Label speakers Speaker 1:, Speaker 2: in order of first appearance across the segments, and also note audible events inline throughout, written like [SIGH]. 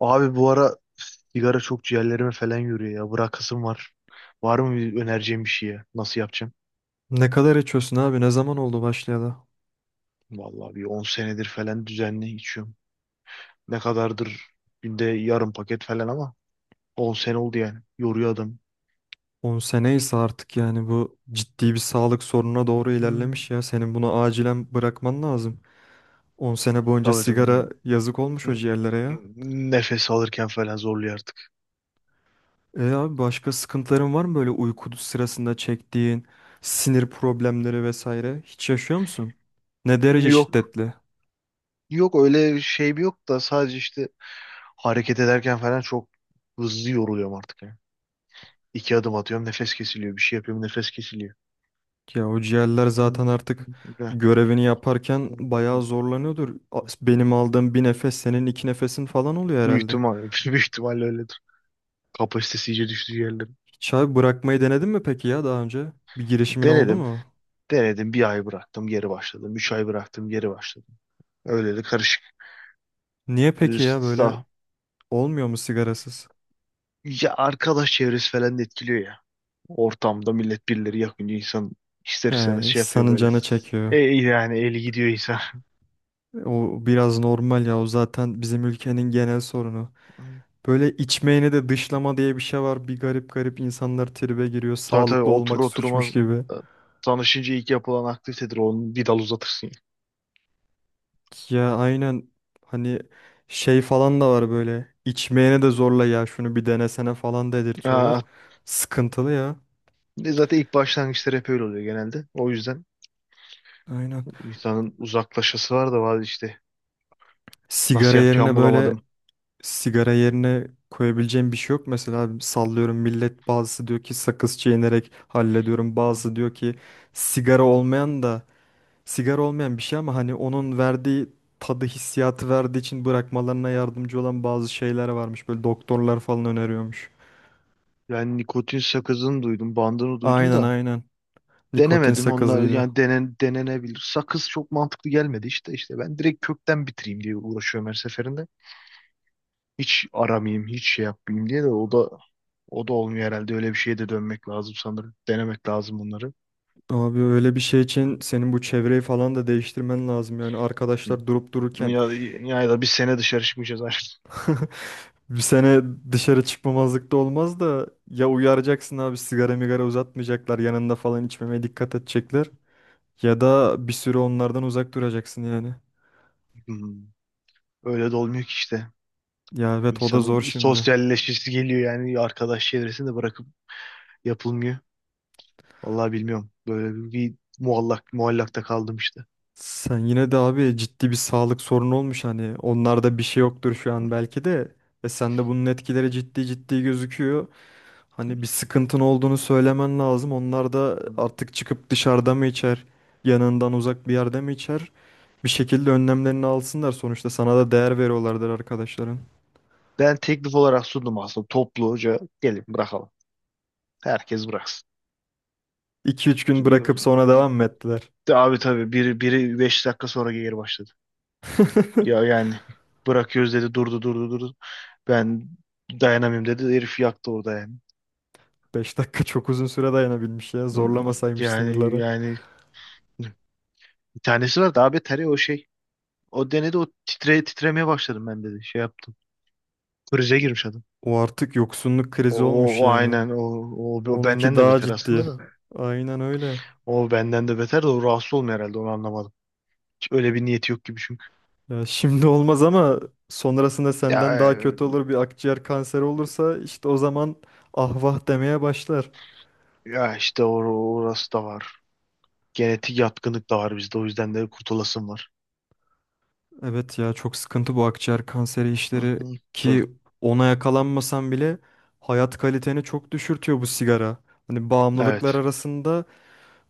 Speaker 1: Abi bu ara sigara çok ciğerlerime falan yürüyor ya. Bırakasım var. Var mı bir önereceğim bir şeye? Nasıl yapacağım?
Speaker 2: Ne kadar içiyorsun abi? Ne zaman oldu başlayalı?
Speaker 1: Vallahi bir 10 senedir falan düzenli içiyorum. Ne kadardır? Günde yarım paket falan ama 10 sene oldu yani. Yoruyor adam.
Speaker 2: 10 sene ise artık yani bu ciddi bir sağlık sorununa doğru
Speaker 1: Hmm.
Speaker 2: ilerlemiş ya. Senin bunu acilen bırakman lazım. 10 sene boyunca
Speaker 1: Tabii tabii.
Speaker 2: sigara yazık olmuş o ciğerlere ya.
Speaker 1: Nefes alırken falan zorluyor artık.
Speaker 2: E abi başka sıkıntıların var mı böyle uyku sırasında çektiğin sinir problemleri vesaire? Hiç yaşıyor musun? Ne derece
Speaker 1: Yok.
Speaker 2: şiddetli?
Speaker 1: Yok öyle şey bir yok da sadece işte hareket ederken falan çok hızlı yoruluyorum artık ya. İki adım atıyorum, nefes kesiliyor. Bir şey yapıyorum, nefes kesiliyor.
Speaker 2: Ya o ciğerler zaten
Speaker 1: Hmm.
Speaker 2: artık
Speaker 1: Öyle.
Speaker 2: görevini yaparken bayağı zorlanıyordur. Benim aldığım bir nefes senin iki nefesin falan oluyor
Speaker 1: Büyük
Speaker 2: herhalde.
Speaker 1: ihtimal, [LAUGHS] büyük ihtimalle öyledir. Kapasitesi iyice düştüğü yerlerin.
Speaker 2: Hiç abi bırakmayı denedin mi peki ya daha önce? Bir girişimin oldu
Speaker 1: Denedim.
Speaker 2: mu?
Speaker 1: Denedim. Bir ay bıraktım. Geri başladım. Üç ay bıraktım. Geri başladım. Öyle de karışık.
Speaker 2: Niye peki ya
Speaker 1: Üst-
Speaker 2: böyle olmuyor mu sigarasız?
Speaker 1: Ya, arkadaş çevresi falan da etkiliyor ya. Ortamda millet birileri yakınca insan ister
Speaker 2: He,
Speaker 1: istemez şey yapıyor
Speaker 2: insanın
Speaker 1: böyle.
Speaker 2: canı çekiyor.
Speaker 1: Yani eli gidiyor insan.
Speaker 2: O biraz normal ya o zaten bizim ülkenin genel sorunu.
Speaker 1: [LAUGHS]
Speaker 2: Böyle içmeyeni de dışlama diye bir şey var. Bir garip garip insanlar tribe giriyor.
Speaker 1: Tabii tabii,
Speaker 2: Sağlıklı
Speaker 1: oturur
Speaker 2: olmak suçmuş
Speaker 1: oturmaz
Speaker 2: gibi.
Speaker 1: e, tanışınca ilk yapılan aktivitedir. Onu bir dal uzatırsın.
Speaker 2: Ya aynen hani şey falan da var böyle. İçmeyene de zorla ya şunu bir denesene falan dedirtiyorlar.
Speaker 1: Ya.
Speaker 2: Sıkıntılı ya.
Speaker 1: Zaten ilk başlangıçlar hep öyle oluyor genelde. O yüzden
Speaker 2: Aynen.
Speaker 1: insanın uzaklaşası var da var işte.
Speaker 2: Sigara
Speaker 1: Nasıl
Speaker 2: yerine
Speaker 1: yapacağımı
Speaker 2: böyle
Speaker 1: bulamadım.
Speaker 2: sigara yerine koyabileceğim bir şey yok. Mesela sallıyorum millet bazısı diyor ki sakız çiğnerek hallediyorum. Bazısı diyor ki sigara olmayan da sigara olmayan bir şey ama hani onun verdiği tadı hissiyatı verdiği için bırakmalarına yardımcı olan bazı şeyler varmış. Böyle doktorlar falan öneriyormuş.
Speaker 1: Ben nikotin sakızını duydum, bandını duydum
Speaker 2: Aynen
Speaker 1: da
Speaker 2: aynen. Nikotin
Speaker 1: denemedim. Onlar
Speaker 2: sakızıydı.
Speaker 1: yani denenebilir. Sakız çok mantıklı gelmedi işte. İşte ben direkt kökten bitireyim diye uğraşıyorum her seferinde. Hiç aramayayım, hiç şey yapmayayım diye de o da olmuyor herhalde. Öyle bir şeye de dönmek lazım sanırım. Denemek lazım bunları.
Speaker 2: Abi öyle bir şey için senin bu çevreyi falan da değiştirmen lazım. Yani
Speaker 1: Hı.
Speaker 2: arkadaşlar durup dururken
Speaker 1: Ya, ya da bir sene dışarı çıkmayacağız artık.
Speaker 2: [LAUGHS] bir sene dışarı çıkmamazlık olmaz da ya uyaracaksın abi sigara migara uzatmayacaklar yanında falan içmemeye dikkat edecekler ya da bir süre onlardan uzak duracaksın yani.
Speaker 1: Hı. Öyle de olmuyor ki işte.
Speaker 2: Ya evet o da zor
Speaker 1: İnsanın
Speaker 2: şimdi.
Speaker 1: sosyalleşmesi geliyor, yani arkadaş çevresini de bırakıp yapılmıyor. Vallahi bilmiyorum. Muallak muallakta kaldım işte.
Speaker 2: Sen yine de abi ciddi bir sağlık sorunu olmuş hani onlarda bir şey yoktur şu
Speaker 1: Hı,
Speaker 2: an belki de ve sende bunun etkileri
Speaker 1: hı,
Speaker 2: ciddi ciddi gözüküyor. Hani bir sıkıntın olduğunu söylemen lazım. Onlar da
Speaker 1: hı.
Speaker 2: artık çıkıp dışarıda mı içer, yanından uzak bir yerde mi içer? Bir şekilde önlemlerini alsınlar sonuçta sana da değer veriyorlardır arkadaşların.
Speaker 1: Ben teklif olarak sundum aslında, topluca gelin bırakalım. Herkes bıraksın.
Speaker 2: İki üç gün bırakıp sonra devam mı ettiler?
Speaker 1: Abi tabii biri 5 dakika sonra geri başladı.
Speaker 2: [LAUGHS]
Speaker 1: Ya yani bırakıyoruz dedi, durdu durdu durdu. Ben dayanamıyorum dedi, herif yaktı orada yani.
Speaker 2: Beş dakika çok uzun süre dayanabilmiş ya zorlamasaymış
Speaker 1: Yani
Speaker 2: sınırları.
Speaker 1: yani bir tanesi var daha beteri, o şey. O denedi, o titremeye başladım ben dedi. Şey yaptım. Krize girmiş adam.
Speaker 2: O artık yoksunluk
Speaker 1: O,
Speaker 2: krizi olmuş
Speaker 1: o, o
Speaker 2: yani.
Speaker 1: aynen o, o, o
Speaker 2: Onunki
Speaker 1: benden de
Speaker 2: daha
Speaker 1: beter aslında
Speaker 2: ciddi.
Speaker 1: da.
Speaker 2: Aynen öyle.
Speaker 1: O benden de beter de, o rahatsız olmuyor herhalde, onu anlamadım. Hiç öyle bir niyeti yok gibi çünkü.
Speaker 2: Ya şimdi olmaz ama sonrasında
Speaker 1: Ya,
Speaker 2: senden daha kötü olur bir akciğer kanseri olursa işte o zaman ah vah demeye başlar.
Speaker 1: ya işte orası da var. Genetik yatkınlık da var bizde, o yüzden de kurtulasım var.
Speaker 2: Evet ya çok sıkıntı bu akciğer kanseri
Speaker 1: Hı
Speaker 2: işleri
Speaker 1: hı. Dur.
Speaker 2: ki ona yakalanmasan bile hayat kaliteni çok düşürtüyor bu sigara. Hani bağımlılıklar
Speaker 1: Evet.
Speaker 2: arasında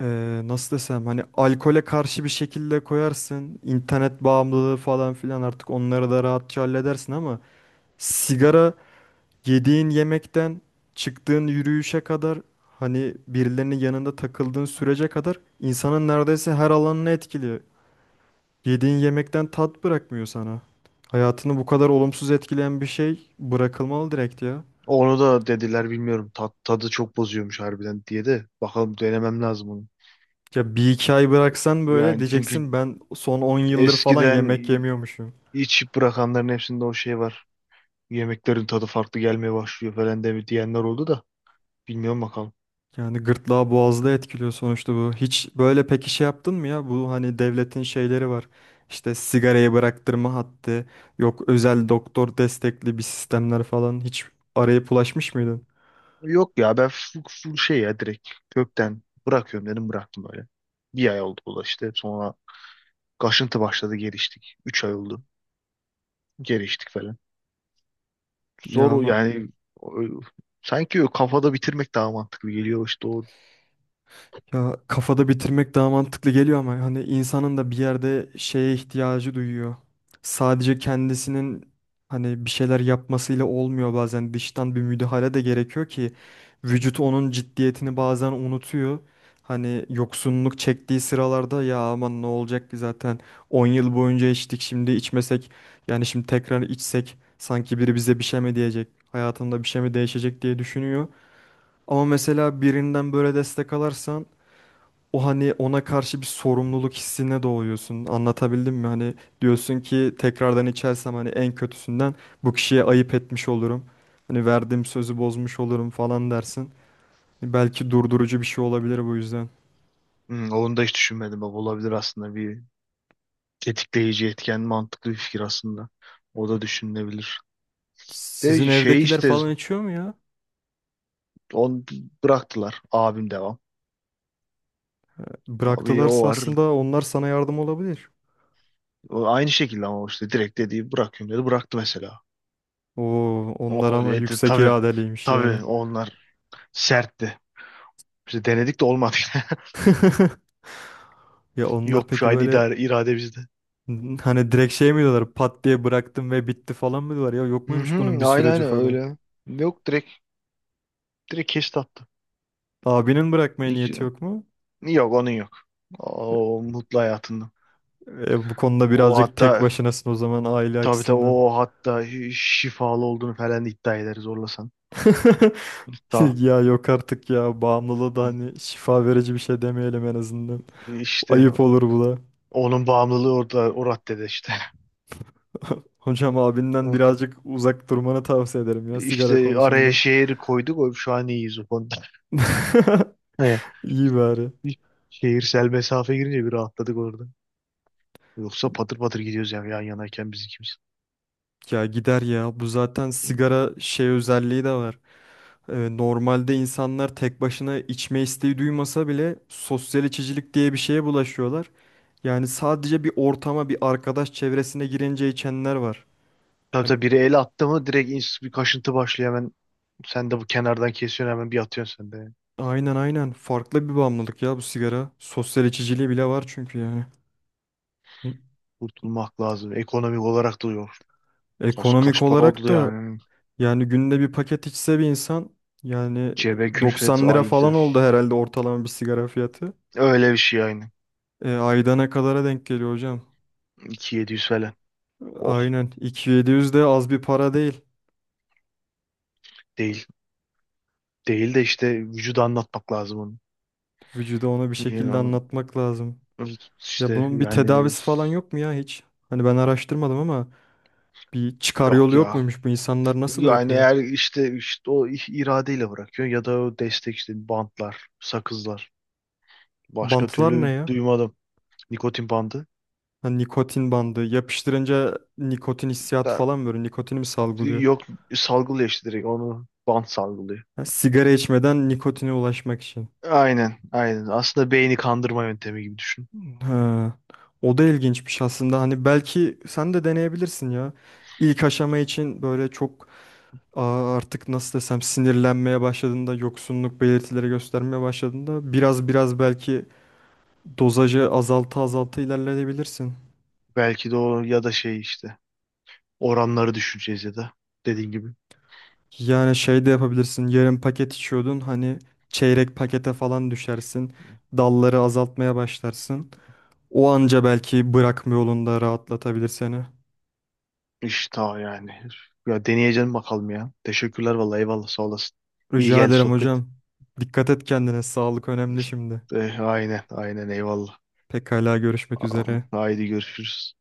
Speaker 2: nasıl desem hani alkole karşı bir şekilde koyarsın. İnternet bağımlılığı falan filan artık onları da rahatça halledersin ama sigara yediğin yemekten çıktığın yürüyüşe kadar hani birilerinin yanında takıldığın sürece kadar insanın neredeyse her alanını etkiliyor. Yediğin yemekten tat bırakmıyor sana. Hayatını bu kadar olumsuz etkileyen bir şey bırakılmalı direkt ya.
Speaker 1: Onu da dediler, bilmiyorum. Tadı çok bozuyormuş harbiden diye de. Bakalım, denemem lazım onu.
Speaker 2: Ya bir iki ay bıraksan böyle
Speaker 1: Yani çünkü
Speaker 2: diyeceksin ben son 10 yıldır falan
Speaker 1: eskiden
Speaker 2: yemek yemiyormuşum.
Speaker 1: içip bırakanların hepsinde o şey var. Yemeklerin tadı farklı gelmeye başlıyor falan de diyenler oldu da, bilmiyorum bakalım.
Speaker 2: Yani gırtlağı boğazda etkiliyor sonuçta bu. Hiç böyle peki şey yaptın mı ya? Bu hani devletin şeyleri var. İşte sigarayı bıraktırma hattı, yok özel doktor destekli bir sistemler falan. Hiç arayıp ulaşmış mıydın?
Speaker 1: Yok ya, ben full şey ya, direkt kökten bırakıyorum dedim, bıraktım böyle. Bir ay oldu bu da işte, sonra kaşıntı başladı, geliştik. Üç ay oldu, geliştik falan.
Speaker 2: Ya
Speaker 1: Zor o
Speaker 2: ama
Speaker 1: yani. o- Sanki o kafada bitirmek daha mantıklı geliyor işte, o.
Speaker 2: ya kafada bitirmek daha mantıklı geliyor ama hani insanın da bir yerde şeye ihtiyacı duyuyor. Sadece kendisinin hani bir şeyler yapmasıyla olmuyor bazen dıştan bir müdahale de gerekiyor ki vücut onun ciddiyetini bazen unutuyor. Hani yoksunluk çektiği sıralarda ya aman ne olacak ki zaten 10 yıl boyunca içtik şimdi içmesek yani şimdi tekrar içsek sanki biri bize bir şey mi diyecek hayatında bir şey mi değişecek diye düşünüyor. Ama mesela birinden böyle destek alarsan o hani ona karşı bir sorumluluk hissine doğuyorsun. Anlatabildim mi? Hani diyorsun ki tekrardan içersem hani en kötüsünden bu kişiye ayıp etmiş olurum. Hani verdiğim sözü bozmuş olurum falan dersin. Belki durdurucu bir şey olabilir bu yüzden.
Speaker 1: Onu da hiç düşünmedim bak, olabilir aslında bir tetikleyici etken, mantıklı bir fikir aslında. O da düşünülebilir.
Speaker 2: Sizin
Speaker 1: De şey
Speaker 2: evdekiler
Speaker 1: işte,
Speaker 2: falan içiyor mu ya?
Speaker 1: on bıraktılar, abim devam. Abi o
Speaker 2: Bıraktılarsa
Speaker 1: var.
Speaker 2: aslında onlar sana yardım olabilir.
Speaker 1: O aynı şekilde, ama işte direkt dediği bırakıyorum dedi. Bıraktı mesela.
Speaker 2: Oo, onlar
Speaker 1: O
Speaker 2: ama
Speaker 1: dedi
Speaker 2: yüksek
Speaker 1: tabii.
Speaker 2: iradeliymiş yani.
Speaker 1: Tabii onlar sertti. Biz denedik de olmadı. [LAUGHS]
Speaker 2: [LAUGHS] Ya onlar
Speaker 1: Yok, şu
Speaker 2: peki
Speaker 1: aynı
Speaker 2: böyle
Speaker 1: irade bizde.
Speaker 2: hani direkt şey mi diyorlar? Pat diye bıraktım ve bitti falan mı diyorlar? Ya yok
Speaker 1: Hı
Speaker 2: muymuş bunun bir
Speaker 1: hı, aynen
Speaker 2: süreci
Speaker 1: aynen
Speaker 2: falan?
Speaker 1: öyle. Yok, direkt kesti attı.
Speaker 2: Abinin bırakmaya
Speaker 1: İki-
Speaker 2: niyeti yok mu?
Speaker 1: Yok onun yok. O mutlu hayatında.
Speaker 2: E, e, bu konuda
Speaker 1: O
Speaker 2: birazcık tek
Speaker 1: hatta
Speaker 2: başınasın o zaman aile
Speaker 1: tabii tabii,
Speaker 2: açısından.
Speaker 1: o hatta şifalı olduğunu falan iddia eder zorlasan.
Speaker 2: [LAUGHS]
Speaker 1: Hatta
Speaker 2: Ya yok artık ya bağımlılığı da hani şifa verici bir şey demeyelim en azından.
Speaker 1: işte
Speaker 2: Ayıp olur bu da.
Speaker 1: onun bağımlılığı orada, o raddede işte.
Speaker 2: [LAUGHS] Hocam abinden
Speaker 1: [LAUGHS]
Speaker 2: birazcık uzak durmanı tavsiye ederim ya sigara
Speaker 1: İşte araya
Speaker 2: konusunda.
Speaker 1: şehir koyduk. Şu an iyiyiz o konuda. [LAUGHS]
Speaker 2: [LAUGHS]
Speaker 1: He.
Speaker 2: İyi bari.
Speaker 1: Bir Şehirsel mesafe girince bir rahatladık orada. Yoksa patır patır gidiyoruz yani, yan yanayken biz ikimiz.
Speaker 2: Ya gider ya bu zaten sigara şey özelliği de var. E, normalde insanlar tek başına içme isteği duymasa bile sosyal içicilik diye bir şeye bulaşıyorlar. Yani sadece bir ortama, bir arkadaş çevresine girince içenler var.
Speaker 1: Tabii
Speaker 2: Hani
Speaker 1: tabii biri el attı mı direkt bir kaşıntı başlıyor hemen. Sen de bu kenardan kesiyorsun hemen, bir atıyorsun sen de.
Speaker 2: aynen aynen farklı bir bağımlılık ya bu sigara. Sosyal içiciliği bile var çünkü yani.
Speaker 1: Kurtulmak lazım. Ekonomik olarak da yok. Kaç,
Speaker 2: Ekonomik
Speaker 1: kaç para
Speaker 2: olarak
Speaker 1: oldu
Speaker 2: da
Speaker 1: yani.
Speaker 2: yani günde bir paket içse bir insan yani
Speaker 1: Cebe külfet
Speaker 2: 90 lira
Speaker 1: aydı.
Speaker 2: falan oldu herhalde ortalama bir sigara fiyatı.
Speaker 1: Öyle bir şey yani.
Speaker 2: E, aydana kadara denk geliyor hocam.
Speaker 1: 2.700 falan. Oh,
Speaker 2: Aynen 2.700 de az bir para değil.
Speaker 1: değil. Değil de işte vücuda anlatmak lazım
Speaker 2: Vücuda onu bir şekilde
Speaker 1: onu.
Speaker 2: anlatmak lazım. Ya
Speaker 1: İşte
Speaker 2: bunun bir
Speaker 1: yani
Speaker 2: tedavisi falan yok mu ya hiç? Hani ben araştırmadım ama bir çıkar
Speaker 1: yok
Speaker 2: yolu yok
Speaker 1: ya.
Speaker 2: muymuş bu insanlar nasıl
Speaker 1: Yani
Speaker 2: bırakıyor?
Speaker 1: eğer işte o iradeyle bırakıyor ya da o destek işte, bantlar, sakızlar. Başka
Speaker 2: Bantlar ne
Speaker 1: türlü
Speaker 2: ya?
Speaker 1: duymadım. Nikotin bandı.
Speaker 2: Hani nikotin bandı. Yapıştırınca nikotin hissiyatı
Speaker 1: Da,
Speaker 2: falan böyle nikotini mi salgılıyor?
Speaker 1: yok, salgılıyor işte, direkt onu bant salgılıyor.
Speaker 2: Ha, sigara içmeden nikotine ulaşmak için.
Speaker 1: Aynen, aynen. Aslında beyni kandırma yöntemi gibi düşün.
Speaker 2: Ha, o da ilginçmiş aslında. Hani belki sen de deneyebilirsin ya. İlk aşama için böyle çok artık nasıl desem sinirlenmeye başladığında, yoksunluk belirtileri göstermeye başladığında biraz biraz belki dozajı azalta azalta ilerleyebilirsin.
Speaker 1: Belki de o ya da şey işte, oranları düşüreceğiz ya da dediğin gibi.
Speaker 2: Yani şey de yapabilirsin. Yarım paket içiyordun hani çeyrek pakete falan düşersin. Dalları azaltmaya başlarsın. O anca belki bırakma yolunda rahatlatabilir seni.
Speaker 1: İşte o yani. Ya, deneyeceğim bakalım ya. Teşekkürler vallahi, eyvallah, sağ olasın. İyi
Speaker 2: Rica
Speaker 1: geldi
Speaker 2: ederim
Speaker 1: sohbet.
Speaker 2: hocam. Dikkat et kendine. Sağlık önemli şimdi.
Speaker 1: Eh, aynen aynen eyvallah.
Speaker 2: Pekala görüşmek
Speaker 1: Tamam,
Speaker 2: üzere.
Speaker 1: haydi görüşürüz.